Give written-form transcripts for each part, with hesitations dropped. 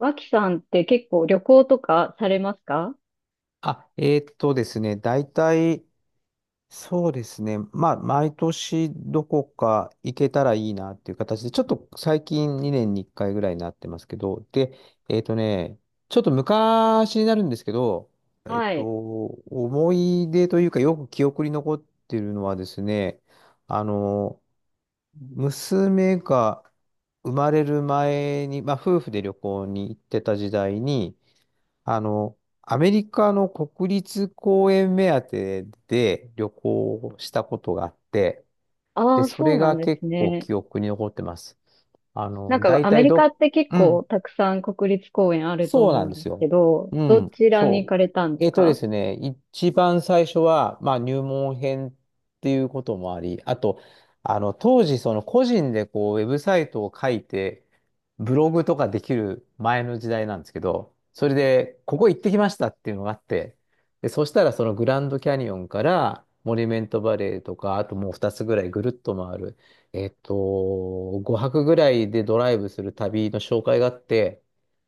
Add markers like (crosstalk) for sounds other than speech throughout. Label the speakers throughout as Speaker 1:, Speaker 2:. Speaker 1: 脇さんって結構旅行とかされますか？
Speaker 2: あ、ですね、大体、そうですね、まあ、毎年どこか行けたらいいなっていう形で、ちょっと最近2年に1回ぐらいになってますけど、で、えーっとね、ちょっと昔になるんですけど、
Speaker 1: はい。
Speaker 2: 思い出というか、よく記憶に残ってるのはですね、あの、娘が生まれる前に、まあ、夫婦で旅行に行ってた時代に、あの、アメリカの国立公園目当てで旅行をしたことがあって、で、
Speaker 1: ああ、
Speaker 2: そ
Speaker 1: そう
Speaker 2: れ
Speaker 1: なん
Speaker 2: が
Speaker 1: です
Speaker 2: 結構
Speaker 1: ね。
Speaker 2: 記憶に残ってます。あ
Speaker 1: なん
Speaker 2: の、
Speaker 1: か
Speaker 2: 大
Speaker 1: アメ
Speaker 2: 体
Speaker 1: リカ
Speaker 2: ど、
Speaker 1: って結
Speaker 2: う
Speaker 1: 構
Speaker 2: ん、
Speaker 1: たくさん国立公園あると
Speaker 2: そうな
Speaker 1: 思う
Speaker 2: ん
Speaker 1: ん
Speaker 2: で
Speaker 1: です
Speaker 2: す
Speaker 1: け
Speaker 2: よ。
Speaker 1: ど、
Speaker 2: う
Speaker 1: ど
Speaker 2: ん、
Speaker 1: ちらに行
Speaker 2: そ
Speaker 1: か
Speaker 2: う。
Speaker 1: れたんです
Speaker 2: えっとで
Speaker 1: か？
Speaker 2: すね、一番最初は、まあ、入門編っていうこともあり、あと、あの、当時、その個人でこう、ウェブサイトを書いて、ブログとかできる前の時代なんですけど、それで、ここ行ってきましたっていうのがあって、で、そしたらそのグランドキャニオンから、モニュメントバレーとか、あともう2つぐらいぐるっと回る、5泊ぐらいでドライブする旅の紹介があって、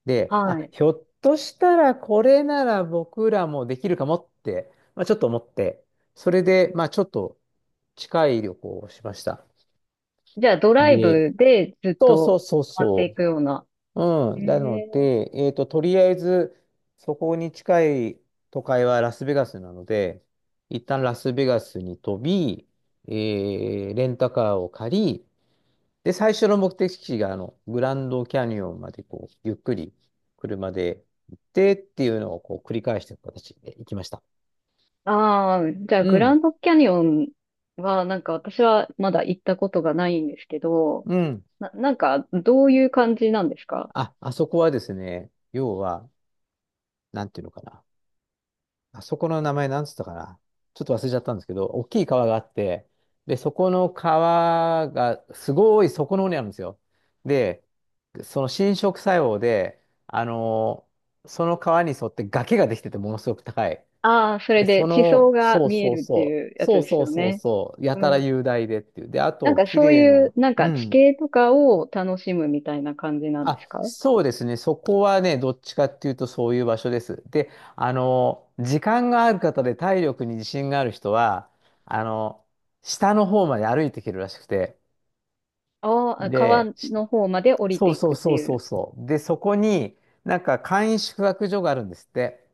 Speaker 2: で、
Speaker 1: は
Speaker 2: あ、
Speaker 1: い。
Speaker 2: ひょっとしたらこれなら僕らもできるかもって、まあ、ちょっと思って、それで、まあ、ちょっと近い旅行をしました。
Speaker 1: じゃあドライ
Speaker 2: で、
Speaker 1: ブでずっ
Speaker 2: そうそ
Speaker 1: と
Speaker 2: うそう
Speaker 1: 回ってい
Speaker 2: そ
Speaker 1: くような。
Speaker 2: う。う
Speaker 1: へ
Speaker 2: ん。なの
Speaker 1: え。
Speaker 2: で、とりあえず、そこに近い都会はラスベガスなので、一旦ラスベガスに飛び、レンタカーを借り、で、最初の目的地が、あの、グランドキャニオンまで、こう、ゆっくり車で行ってっていうのを、こう、繰り返していく形で行きました。
Speaker 1: ああ、じゃあ
Speaker 2: う
Speaker 1: グラ
Speaker 2: ん、
Speaker 1: ンドキャニオンはなんか私はまだ行ったことがないんですけど、
Speaker 2: うん。
Speaker 1: なんかどういう感じなんですか？
Speaker 2: あ、あそこはですね、要は、なんていうのかな。あそこの名前なんつったかな。ちょっと忘れちゃったんですけど、大きい川があって、で、そこの川が、すごいそこの方にあるんですよ。で、その侵食作用で、あのその川に沿って崖ができてて、ものすごく高い。
Speaker 1: ああー、それ
Speaker 2: で、そ
Speaker 1: で地層
Speaker 2: の、
Speaker 1: が
Speaker 2: そう
Speaker 1: 見え
Speaker 2: そう
Speaker 1: るって
Speaker 2: そ
Speaker 1: いう
Speaker 2: う、
Speaker 1: やつ
Speaker 2: そう
Speaker 1: です
Speaker 2: そう
Speaker 1: よ
Speaker 2: そう
Speaker 1: ね。
Speaker 2: そう、や
Speaker 1: う
Speaker 2: たら
Speaker 1: ん。
Speaker 2: 雄大でっていう。で、あ
Speaker 1: なん
Speaker 2: と、
Speaker 1: か
Speaker 2: 綺
Speaker 1: そう
Speaker 2: 麗な
Speaker 1: いう、
Speaker 2: の。
Speaker 1: なん
Speaker 2: う
Speaker 1: か地
Speaker 2: ん。
Speaker 1: 形とかを楽しむみたいな感じなんです
Speaker 2: あ、
Speaker 1: か？
Speaker 2: そうですね。そこはね、どっちかっていうとそういう場所です。で、あの、時間がある方で体力に自信がある人は、あの、下の方まで歩いていけるらしくて。
Speaker 1: ああー、
Speaker 2: で、
Speaker 1: 川
Speaker 2: し
Speaker 1: の方まで降り
Speaker 2: そ
Speaker 1: て
Speaker 2: う
Speaker 1: い
Speaker 2: そう
Speaker 1: くって
Speaker 2: そう
Speaker 1: い
Speaker 2: そう
Speaker 1: う。
Speaker 2: そう。で、そこになんか簡易宿泊所があるんですって。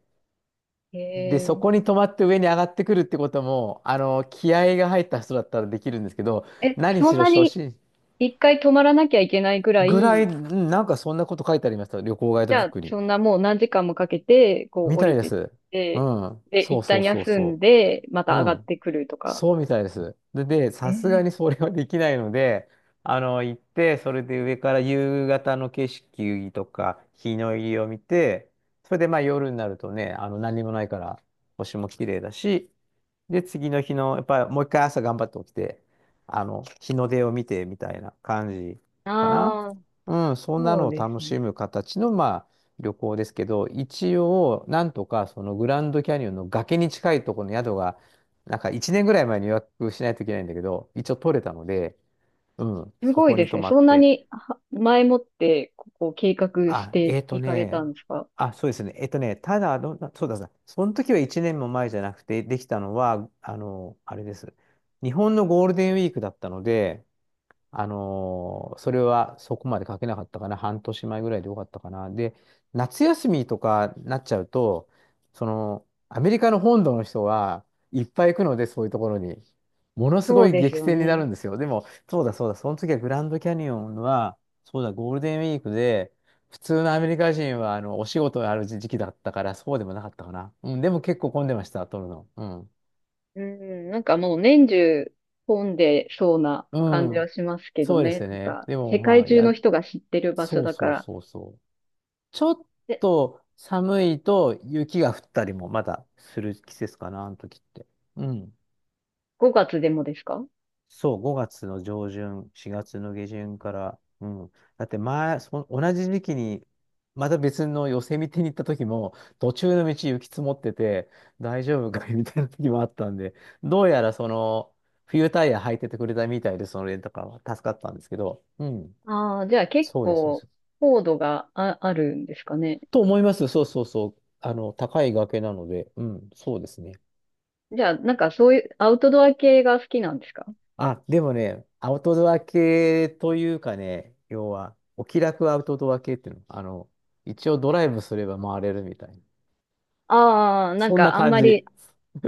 Speaker 1: へ
Speaker 2: で、そ
Speaker 1: え。
Speaker 2: こに止まって上に上がってくるってことも、あの、気合が入った人だったらできるんですけど、
Speaker 1: え、
Speaker 2: 何
Speaker 1: そ
Speaker 2: し
Speaker 1: ん
Speaker 2: ろ
Speaker 1: な
Speaker 2: 初
Speaker 1: に
Speaker 2: 心
Speaker 1: 一回止まらなきゃいけないぐら
Speaker 2: ぐらい、う
Speaker 1: い。
Speaker 2: んなんかそんなこと書いてありました。旅行ガイ
Speaker 1: じ
Speaker 2: ドブ
Speaker 1: ゃ
Speaker 2: ッ
Speaker 1: あ、
Speaker 2: クに。
Speaker 1: そんなもう何時間もかけて、こう
Speaker 2: み
Speaker 1: 降
Speaker 2: たい
Speaker 1: り
Speaker 2: で
Speaker 1: てっ
Speaker 2: す。う
Speaker 1: て、
Speaker 2: ん。
Speaker 1: で、
Speaker 2: そ
Speaker 1: 一
Speaker 2: うそ
Speaker 1: 旦
Speaker 2: うそう
Speaker 1: 休ん
Speaker 2: そ
Speaker 1: で、ま
Speaker 2: う。
Speaker 1: た
Speaker 2: う
Speaker 1: 上がっ
Speaker 2: ん。
Speaker 1: てくるとか。
Speaker 2: そうみたいです。で、さすが
Speaker 1: え
Speaker 2: に
Speaker 1: え。
Speaker 2: それはできないので、あの、行って、それで上から夕方の景色とか、日の入りを見て、それでまあ夜になるとね、あの、何もないから、星も綺麗だし、で、次の日の、やっぱりもう一回朝頑張って起きて、あの、日の出を見てみたいな感じかな。
Speaker 1: ああ、
Speaker 2: うん、そんな
Speaker 1: そう
Speaker 2: のを
Speaker 1: で
Speaker 2: 楽
Speaker 1: すね。
Speaker 2: しむ形の、まあ、旅行ですけど、一応、なんとか、そのグランドキャニオンの崖に近いところの宿が、なんか1年ぐらい前に予約しないといけないんだけど、一応取れたので、うん、
Speaker 1: す
Speaker 2: そ
Speaker 1: ごい
Speaker 2: こ
Speaker 1: で
Speaker 2: に
Speaker 1: す
Speaker 2: 泊
Speaker 1: ね。
Speaker 2: まっ
Speaker 1: そんな
Speaker 2: て。
Speaker 1: には前もって、こう計画し
Speaker 2: あ、
Speaker 1: ていかれたんですか？
Speaker 2: あ、そうですね。ただ、どんな、そうだそうだ、その時は1年も前じゃなくて、できたのは、あの、あれです。日本のゴールデンウィークだったので、それはそこまで書けなかったかな。半年前ぐらいでよかったかな。で、夏休みとかなっちゃうと、その、アメリカの本土の人はいっぱい行くので、そういうところに。ものす
Speaker 1: そ
Speaker 2: ご
Speaker 1: う
Speaker 2: い
Speaker 1: です
Speaker 2: 激
Speaker 1: よ
Speaker 2: 戦にな
Speaker 1: ね。
Speaker 2: るんですよ。でも、そうだそうだ、その時はグランドキャニオンは、そうだ、ゴールデンウィークで、普通のアメリカ人はあのお仕事がある時期だったから、そうでもなかったかな。うん、でも結構混んでました、撮るの。うん。
Speaker 1: うん、なんかもう年中混んでそうな
Speaker 2: う
Speaker 1: 感じは
Speaker 2: ん、
Speaker 1: しますけど
Speaker 2: そうで
Speaker 1: ね。
Speaker 2: す
Speaker 1: なん
Speaker 2: ね。
Speaker 1: か、
Speaker 2: でも
Speaker 1: 世
Speaker 2: ま
Speaker 1: 界
Speaker 2: あ、
Speaker 1: 中の
Speaker 2: や、
Speaker 1: 人が知ってる場所
Speaker 2: そう
Speaker 1: だか
Speaker 2: そう
Speaker 1: ら。
Speaker 2: そうそう。ちょっ
Speaker 1: で、
Speaker 2: と寒いと雪が降ったりもまだする季節かな、あの時って。うん。
Speaker 1: 5月でもですか？
Speaker 2: そう、5月の上旬、4月の下旬から、うん。だって前、そ同じ時期に、また別の寄せ見てに行った時も、途中の道雪積もってて、大丈夫かいみたいな時もあったんで、どうやらその、冬タイヤ履いててくれたみたいで、そのレンタカーは助かったんですけど、うん。
Speaker 1: ああ、じゃあ結
Speaker 2: そうです、そうで
Speaker 1: 構、
Speaker 2: す。
Speaker 1: 高度があるんですかね。
Speaker 2: と思います。そうそうそう。あの、高い崖なので、うん、そうですね。
Speaker 1: じゃあ、なんかそういう、アウトドア系が好きなんですか？
Speaker 2: あ、でもね、アウトドア系というかね、要は、お気楽アウトドア系っていうの、あの、一応ドライブすれば回れるみたいな。
Speaker 1: ああ、なん
Speaker 2: そんな
Speaker 1: かあん
Speaker 2: 感
Speaker 1: まり、
Speaker 2: じ。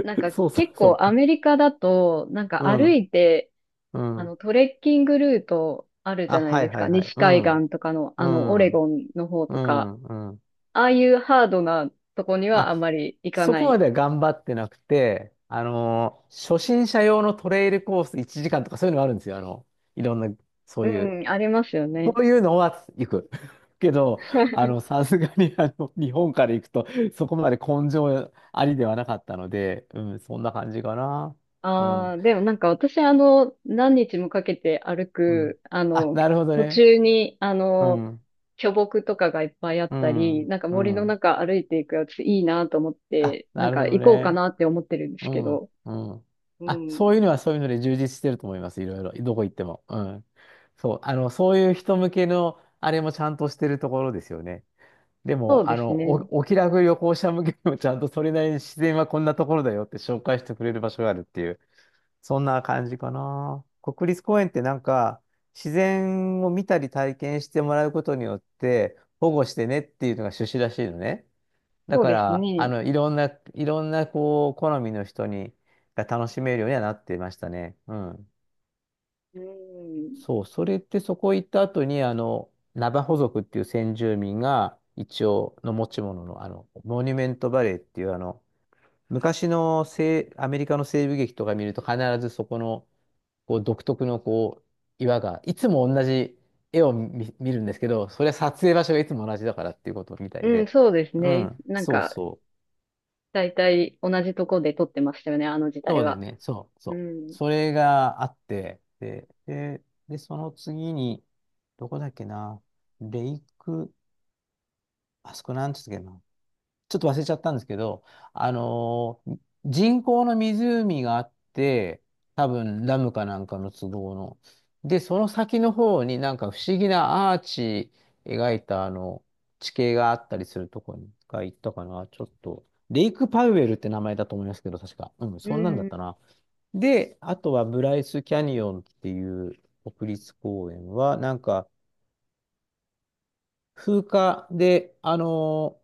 Speaker 1: なん か
Speaker 2: そうそう
Speaker 1: 結構
Speaker 2: そ
Speaker 1: アメリカだと、なん
Speaker 2: う。
Speaker 1: か
Speaker 2: う
Speaker 1: 歩
Speaker 2: ん、
Speaker 1: いて、
Speaker 2: う
Speaker 1: あ
Speaker 2: ん。
Speaker 1: の、トレッキングルートあるじ
Speaker 2: あ、
Speaker 1: ゃない
Speaker 2: はい
Speaker 1: です
Speaker 2: は
Speaker 1: か。
Speaker 2: いはい。
Speaker 1: 西
Speaker 2: う
Speaker 1: 海
Speaker 2: ん、
Speaker 1: 岸とかの、
Speaker 2: う
Speaker 1: あの、オレ
Speaker 2: ん、
Speaker 1: ゴンの方
Speaker 2: う
Speaker 1: とか、
Speaker 2: ん、うん。
Speaker 1: ああいうハードなとこには
Speaker 2: あ、
Speaker 1: あんまり行か
Speaker 2: そ
Speaker 1: な
Speaker 2: こま
Speaker 1: い。
Speaker 2: では頑張ってなくて、初心者用のトレイルコース1時間とかそういうのがあるんですよ。あの、いろんな、そういう。
Speaker 1: うん、ありますよ
Speaker 2: そ
Speaker 1: ね。
Speaker 2: ういうのは行く。(laughs) けど、あの、さすがに、あの、日本から行くと、そこまで根性ありではなかったので、うん、そんな感じかな。う
Speaker 1: あ
Speaker 2: ん。
Speaker 1: あ、でもなんか私あの、何日もかけて歩
Speaker 2: うん。
Speaker 1: く、あ
Speaker 2: あ、
Speaker 1: の、
Speaker 2: なるほど
Speaker 1: 途
Speaker 2: ね。
Speaker 1: 中にあ
Speaker 2: う
Speaker 1: の、
Speaker 2: ん。
Speaker 1: 巨木とかがいっぱいあっ
Speaker 2: う
Speaker 1: たり、
Speaker 2: ん。
Speaker 1: なんか
Speaker 2: う
Speaker 1: 森の
Speaker 2: ん。
Speaker 1: 中歩いていくやついいなと思っ
Speaker 2: あ、
Speaker 1: て、な
Speaker 2: な
Speaker 1: ん
Speaker 2: る
Speaker 1: か
Speaker 2: ほど
Speaker 1: 行こうか
Speaker 2: ね。
Speaker 1: なって思ってるんです
Speaker 2: う
Speaker 1: け
Speaker 2: ん。
Speaker 1: ど。
Speaker 2: うん。
Speaker 1: う
Speaker 2: あ、
Speaker 1: ん、
Speaker 2: そういうのはそういうので充実してると思います。いろいろ。どこ行っても。うん。そう。あの、そういう人向けの、あれもちゃんとしてるところですよね。で
Speaker 1: そ
Speaker 2: も、
Speaker 1: う
Speaker 2: あ
Speaker 1: です
Speaker 2: の、
Speaker 1: ね。
Speaker 2: お気楽旅行者向けにもちゃんとそれなりに自然はこんなところだよって (laughs) 紹介してくれる場所があるっていう、そんな感じかな。国立公園ってなんか、自然を見たり体験してもらうことによって、保護してねっていうのが趣旨らしいのね。だ
Speaker 1: そう
Speaker 2: か
Speaker 1: です
Speaker 2: ら、あ
Speaker 1: ね。
Speaker 2: の、いろんな、こう、好みの人に、が楽しめるようにはなってましたね。うん。
Speaker 1: うん、
Speaker 2: そう、それってそこ行った後に、あの、ナバホ族っていう先住民が、一応の持ち物の、あの、モニュメントバレーっていう、あの、昔の西、アメリカの西部劇とか見ると必ずそこの、こう、独特の、こう、岩が、いつも同じ絵を見るんですけど、それは撮影場所がいつも同じだからっていうことみたい
Speaker 1: うん、
Speaker 2: で、
Speaker 1: そうです
Speaker 2: う
Speaker 1: ね。
Speaker 2: ん、
Speaker 1: なん
Speaker 2: そう
Speaker 1: か、
Speaker 2: そう。
Speaker 1: だいたい同じとこで撮ってましたよね、あの時代
Speaker 2: そうだよ
Speaker 1: は。
Speaker 2: ね。そう、
Speaker 1: う
Speaker 2: そう。
Speaker 1: ん、
Speaker 2: それがあって、で、その次に、どこだっけな、レイク、あそこなんつったっけな、ちょっと忘れちゃったんですけど、あのー人工の湖があって、多分ダムかなんかの都合の。で、その先の方になんか不思議なアーチ描いたあの地形があったりするとこに一回行ったかな。ちょっと、レイクパウエルって名前だと思いますけど、確か。うん、
Speaker 1: う
Speaker 2: そんなんだっ
Speaker 1: ん、
Speaker 2: たな。で、あとはブライスキャニオンっていう国立公園は、なんか風化で、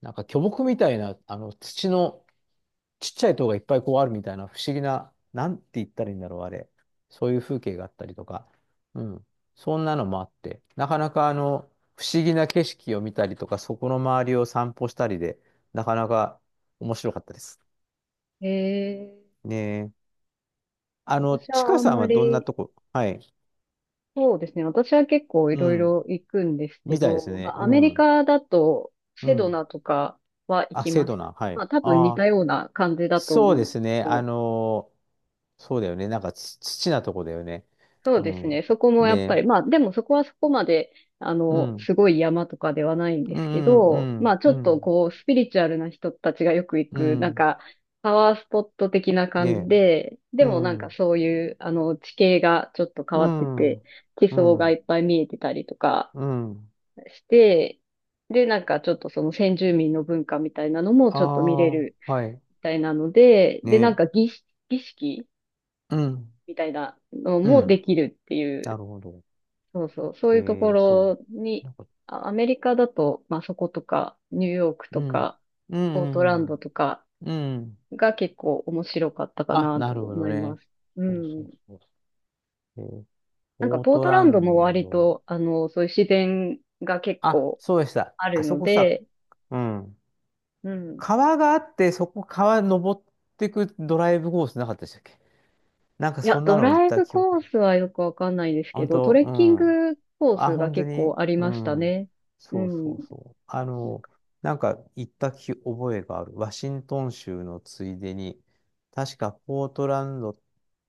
Speaker 2: なんか巨木みたいな、あの土のちっちゃい塔がいっぱいこうあるみたいな不思議な、なんて言ったらいいんだろう、あれ。そういう風景があったりとか、うん。そんなのもあって、なかなかあの、不思議な景色を見たりとか、そこの周りを散歩したりで、なかなか面白かったです。
Speaker 1: へえ、
Speaker 2: ねえ。あの、
Speaker 1: 私
Speaker 2: ち
Speaker 1: は
Speaker 2: か
Speaker 1: あん
Speaker 2: さん
Speaker 1: ま
Speaker 2: はどんな
Speaker 1: り、
Speaker 2: とこはい。
Speaker 1: そうですね。私は結構い
Speaker 2: う
Speaker 1: ろい
Speaker 2: ん。
Speaker 1: ろ行くんですけ
Speaker 2: みたいです
Speaker 1: ど、ま
Speaker 2: ね。
Speaker 1: あ、
Speaker 2: う
Speaker 1: アメリ
Speaker 2: ん。
Speaker 1: カだと
Speaker 2: う
Speaker 1: セド
Speaker 2: ん。
Speaker 1: ナとかは行
Speaker 2: あ、
Speaker 1: き
Speaker 2: 生
Speaker 1: ま
Speaker 2: 徒
Speaker 1: した。
Speaker 2: な。は
Speaker 1: ま
Speaker 2: い。
Speaker 1: あ多分似
Speaker 2: あ
Speaker 1: た
Speaker 2: あ、
Speaker 1: ような感じだと
Speaker 2: そう
Speaker 1: 思う
Speaker 2: で
Speaker 1: んです
Speaker 2: すね。
Speaker 1: けど、
Speaker 2: そうだよね。なんかち、土なとこだよね。
Speaker 1: そう
Speaker 2: う
Speaker 1: です
Speaker 2: ん。
Speaker 1: ね。そこもやっぱ
Speaker 2: ね。
Speaker 1: り、まあでもそこはそこまで、あ
Speaker 2: う
Speaker 1: の、
Speaker 2: ん。
Speaker 1: すごい山とかではないんで
Speaker 2: う
Speaker 1: すけ
Speaker 2: ん、う
Speaker 1: ど、まあ
Speaker 2: ん、
Speaker 1: ちょ
Speaker 2: う
Speaker 1: っと
Speaker 2: ん、
Speaker 1: こう、スピリチュアルな人たちがよく行
Speaker 2: う
Speaker 1: く、なん
Speaker 2: ん。
Speaker 1: か、パワースポット的な感じ
Speaker 2: ね。
Speaker 1: で、で
Speaker 2: う
Speaker 1: もなん
Speaker 2: ん、
Speaker 1: か
Speaker 2: う
Speaker 1: そういう、あの、地形がちょっと変わってて、
Speaker 2: ん、
Speaker 1: 地
Speaker 2: う
Speaker 1: 層がい
Speaker 2: ん、
Speaker 1: っぱい見えてたりとか、
Speaker 2: うん。
Speaker 1: して、で、なんかちょっとその先住民の文化みたいなのもちょっと見れ
Speaker 2: あ
Speaker 1: る
Speaker 2: あ、はい。
Speaker 1: みたいなので、で、なん
Speaker 2: ね。
Speaker 1: か儀式
Speaker 2: うん、
Speaker 1: みたいなの
Speaker 2: う
Speaker 1: も
Speaker 2: ん。
Speaker 1: できるってい
Speaker 2: な
Speaker 1: う、
Speaker 2: るほど。
Speaker 1: そうそう、そう
Speaker 2: え
Speaker 1: いうとこ
Speaker 2: そ
Speaker 1: ろ
Speaker 2: う。
Speaker 1: に、
Speaker 2: なんか、
Speaker 1: アメリカだと、まあそことか、ニューヨーク
Speaker 2: う
Speaker 1: と
Speaker 2: ん、
Speaker 1: か、
Speaker 2: う
Speaker 1: ポートラン
Speaker 2: ん、う
Speaker 1: ド
Speaker 2: ん。
Speaker 1: とか
Speaker 2: うん
Speaker 1: が結構面白かったか
Speaker 2: あ、
Speaker 1: な
Speaker 2: な
Speaker 1: と
Speaker 2: るほ
Speaker 1: 思
Speaker 2: ど
Speaker 1: いま
Speaker 2: ね。
Speaker 1: す。う
Speaker 2: そうそ
Speaker 1: ん。
Speaker 2: うそうそう。
Speaker 1: なんか
Speaker 2: ポー
Speaker 1: ポー
Speaker 2: ト
Speaker 1: トラ
Speaker 2: ラ
Speaker 1: ンドも
Speaker 2: ン
Speaker 1: 割
Speaker 2: ド。
Speaker 1: と、あの、そういう自然が結
Speaker 2: あ、
Speaker 1: 構
Speaker 2: そうでした。
Speaker 1: ある
Speaker 2: あそ
Speaker 1: の
Speaker 2: こさ、
Speaker 1: で、
Speaker 2: うん。
Speaker 1: うん。
Speaker 2: 川があって、そこ川登ってくドライブコースなかったでしたっけ？なんか
Speaker 1: い
Speaker 2: そ
Speaker 1: や、
Speaker 2: んな
Speaker 1: ド
Speaker 2: の行っ
Speaker 1: ライ
Speaker 2: た
Speaker 1: ブ
Speaker 2: 記
Speaker 1: コ
Speaker 2: 憶。
Speaker 1: ースはよくわかんないです
Speaker 2: あ
Speaker 1: け
Speaker 2: 本
Speaker 1: ど、ト
Speaker 2: 当、
Speaker 1: レ
Speaker 2: う
Speaker 1: ッキン
Speaker 2: ん。
Speaker 1: グコー
Speaker 2: あ、
Speaker 1: スが
Speaker 2: 本当
Speaker 1: 結構
Speaker 2: に
Speaker 1: あり
Speaker 2: う
Speaker 1: ました
Speaker 2: ん。
Speaker 1: ね。う
Speaker 2: そうそ
Speaker 1: ん。
Speaker 2: うそう。あの、なんか行った記覚えがある。ワシントン州のついでに、確かポートランドっ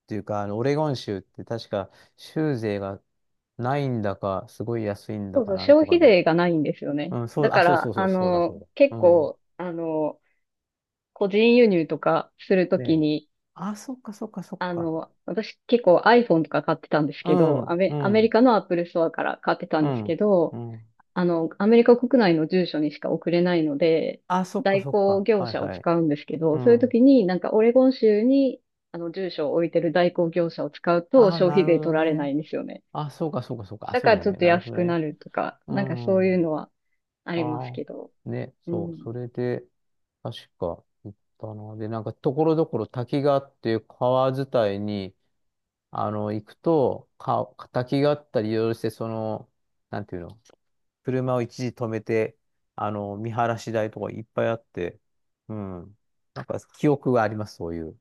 Speaker 2: ていうか、あの、オレゴン州って確か州税がないんだか、すごい安いん
Speaker 1: そ
Speaker 2: だ
Speaker 1: うそ
Speaker 2: か
Speaker 1: う、
Speaker 2: なん
Speaker 1: 消
Speaker 2: とか
Speaker 1: 費
Speaker 2: で。
Speaker 1: 税がないんですよね。
Speaker 2: うん、そう、
Speaker 1: だ
Speaker 2: あ、
Speaker 1: か
Speaker 2: そうそ
Speaker 1: ら、
Speaker 2: うそ
Speaker 1: あ
Speaker 2: う、そうだ、そう
Speaker 1: の、
Speaker 2: だ。
Speaker 1: 結
Speaker 2: うん。
Speaker 1: 構、あの、個人輸入とかすると
Speaker 2: ね
Speaker 1: き
Speaker 2: え。
Speaker 1: に、
Speaker 2: あ、そっか、そっか、そっ
Speaker 1: あ
Speaker 2: か。
Speaker 1: の、私結構 iPhone とか買ってたんです
Speaker 2: う
Speaker 1: けど、ア
Speaker 2: ん、
Speaker 1: メ、
Speaker 2: う
Speaker 1: アメリ
Speaker 2: ん、
Speaker 1: カの Apple Store から買ってた
Speaker 2: う
Speaker 1: んですけ
Speaker 2: ん、
Speaker 1: ど、
Speaker 2: うん。
Speaker 1: あの、アメリカ国内の住所にしか送れないので、
Speaker 2: あ、そっか、
Speaker 1: 代
Speaker 2: そっ
Speaker 1: 行
Speaker 2: か。
Speaker 1: 業
Speaker 2: はい、
Speaker 1: 者を
Speaker 2: はい。
Speaker 1: 使うんですけ
Speaker 2: う
Speaker 1: ど、そういう
Speaker 2: ん。
Speaker 1: 時になんかオレゴン州にあの住所を置いてる代行業者を使うと
Speaker 2: あ、
Speaker 1: 消
Speaker 2: な
Speaker 1: 費
Speaker 2: る
Speaker 1: 税
Speaker 2: ほど
Speaker 1: 取られな
Speaker 2: ね。
Speaker 1: いんですよね。
Speaker 2: あ、そうか、そうか、そうか。あ、
Speaker 1: だ
Speaker 2: そう
Speaker 1: から
Speaker 2: だ
Speaker 1: ちょ
Speaker 2: ね。
Speaker 1: っと
Speaker 2: なるほ
Speaker 1: 安
Speaker 2: ど
Speaker 1: くな
Speaker 2: ね。
Speaker 1: るとか、
Speaker 2: う
Speaker 1: なんかそういう
Speaker 2: ん。
Speaker 1: のはあります
Speaker 2: あ
Speaker 1: けど。
Speaker 2: あ、ね、
Speaker 1: う
Speaker 2: そう。
Speaker 1: ん。
Speaker 2: それで、確か、行ったな。で、なんか、ところどころ滝があって、川伝いに、あの、行くと、か、敵があったりいろいろして、その、なんていうの、車を一時止めて、あの、見晴らし台とかいっぱいあって、うん。なんか記憶があります、そういう。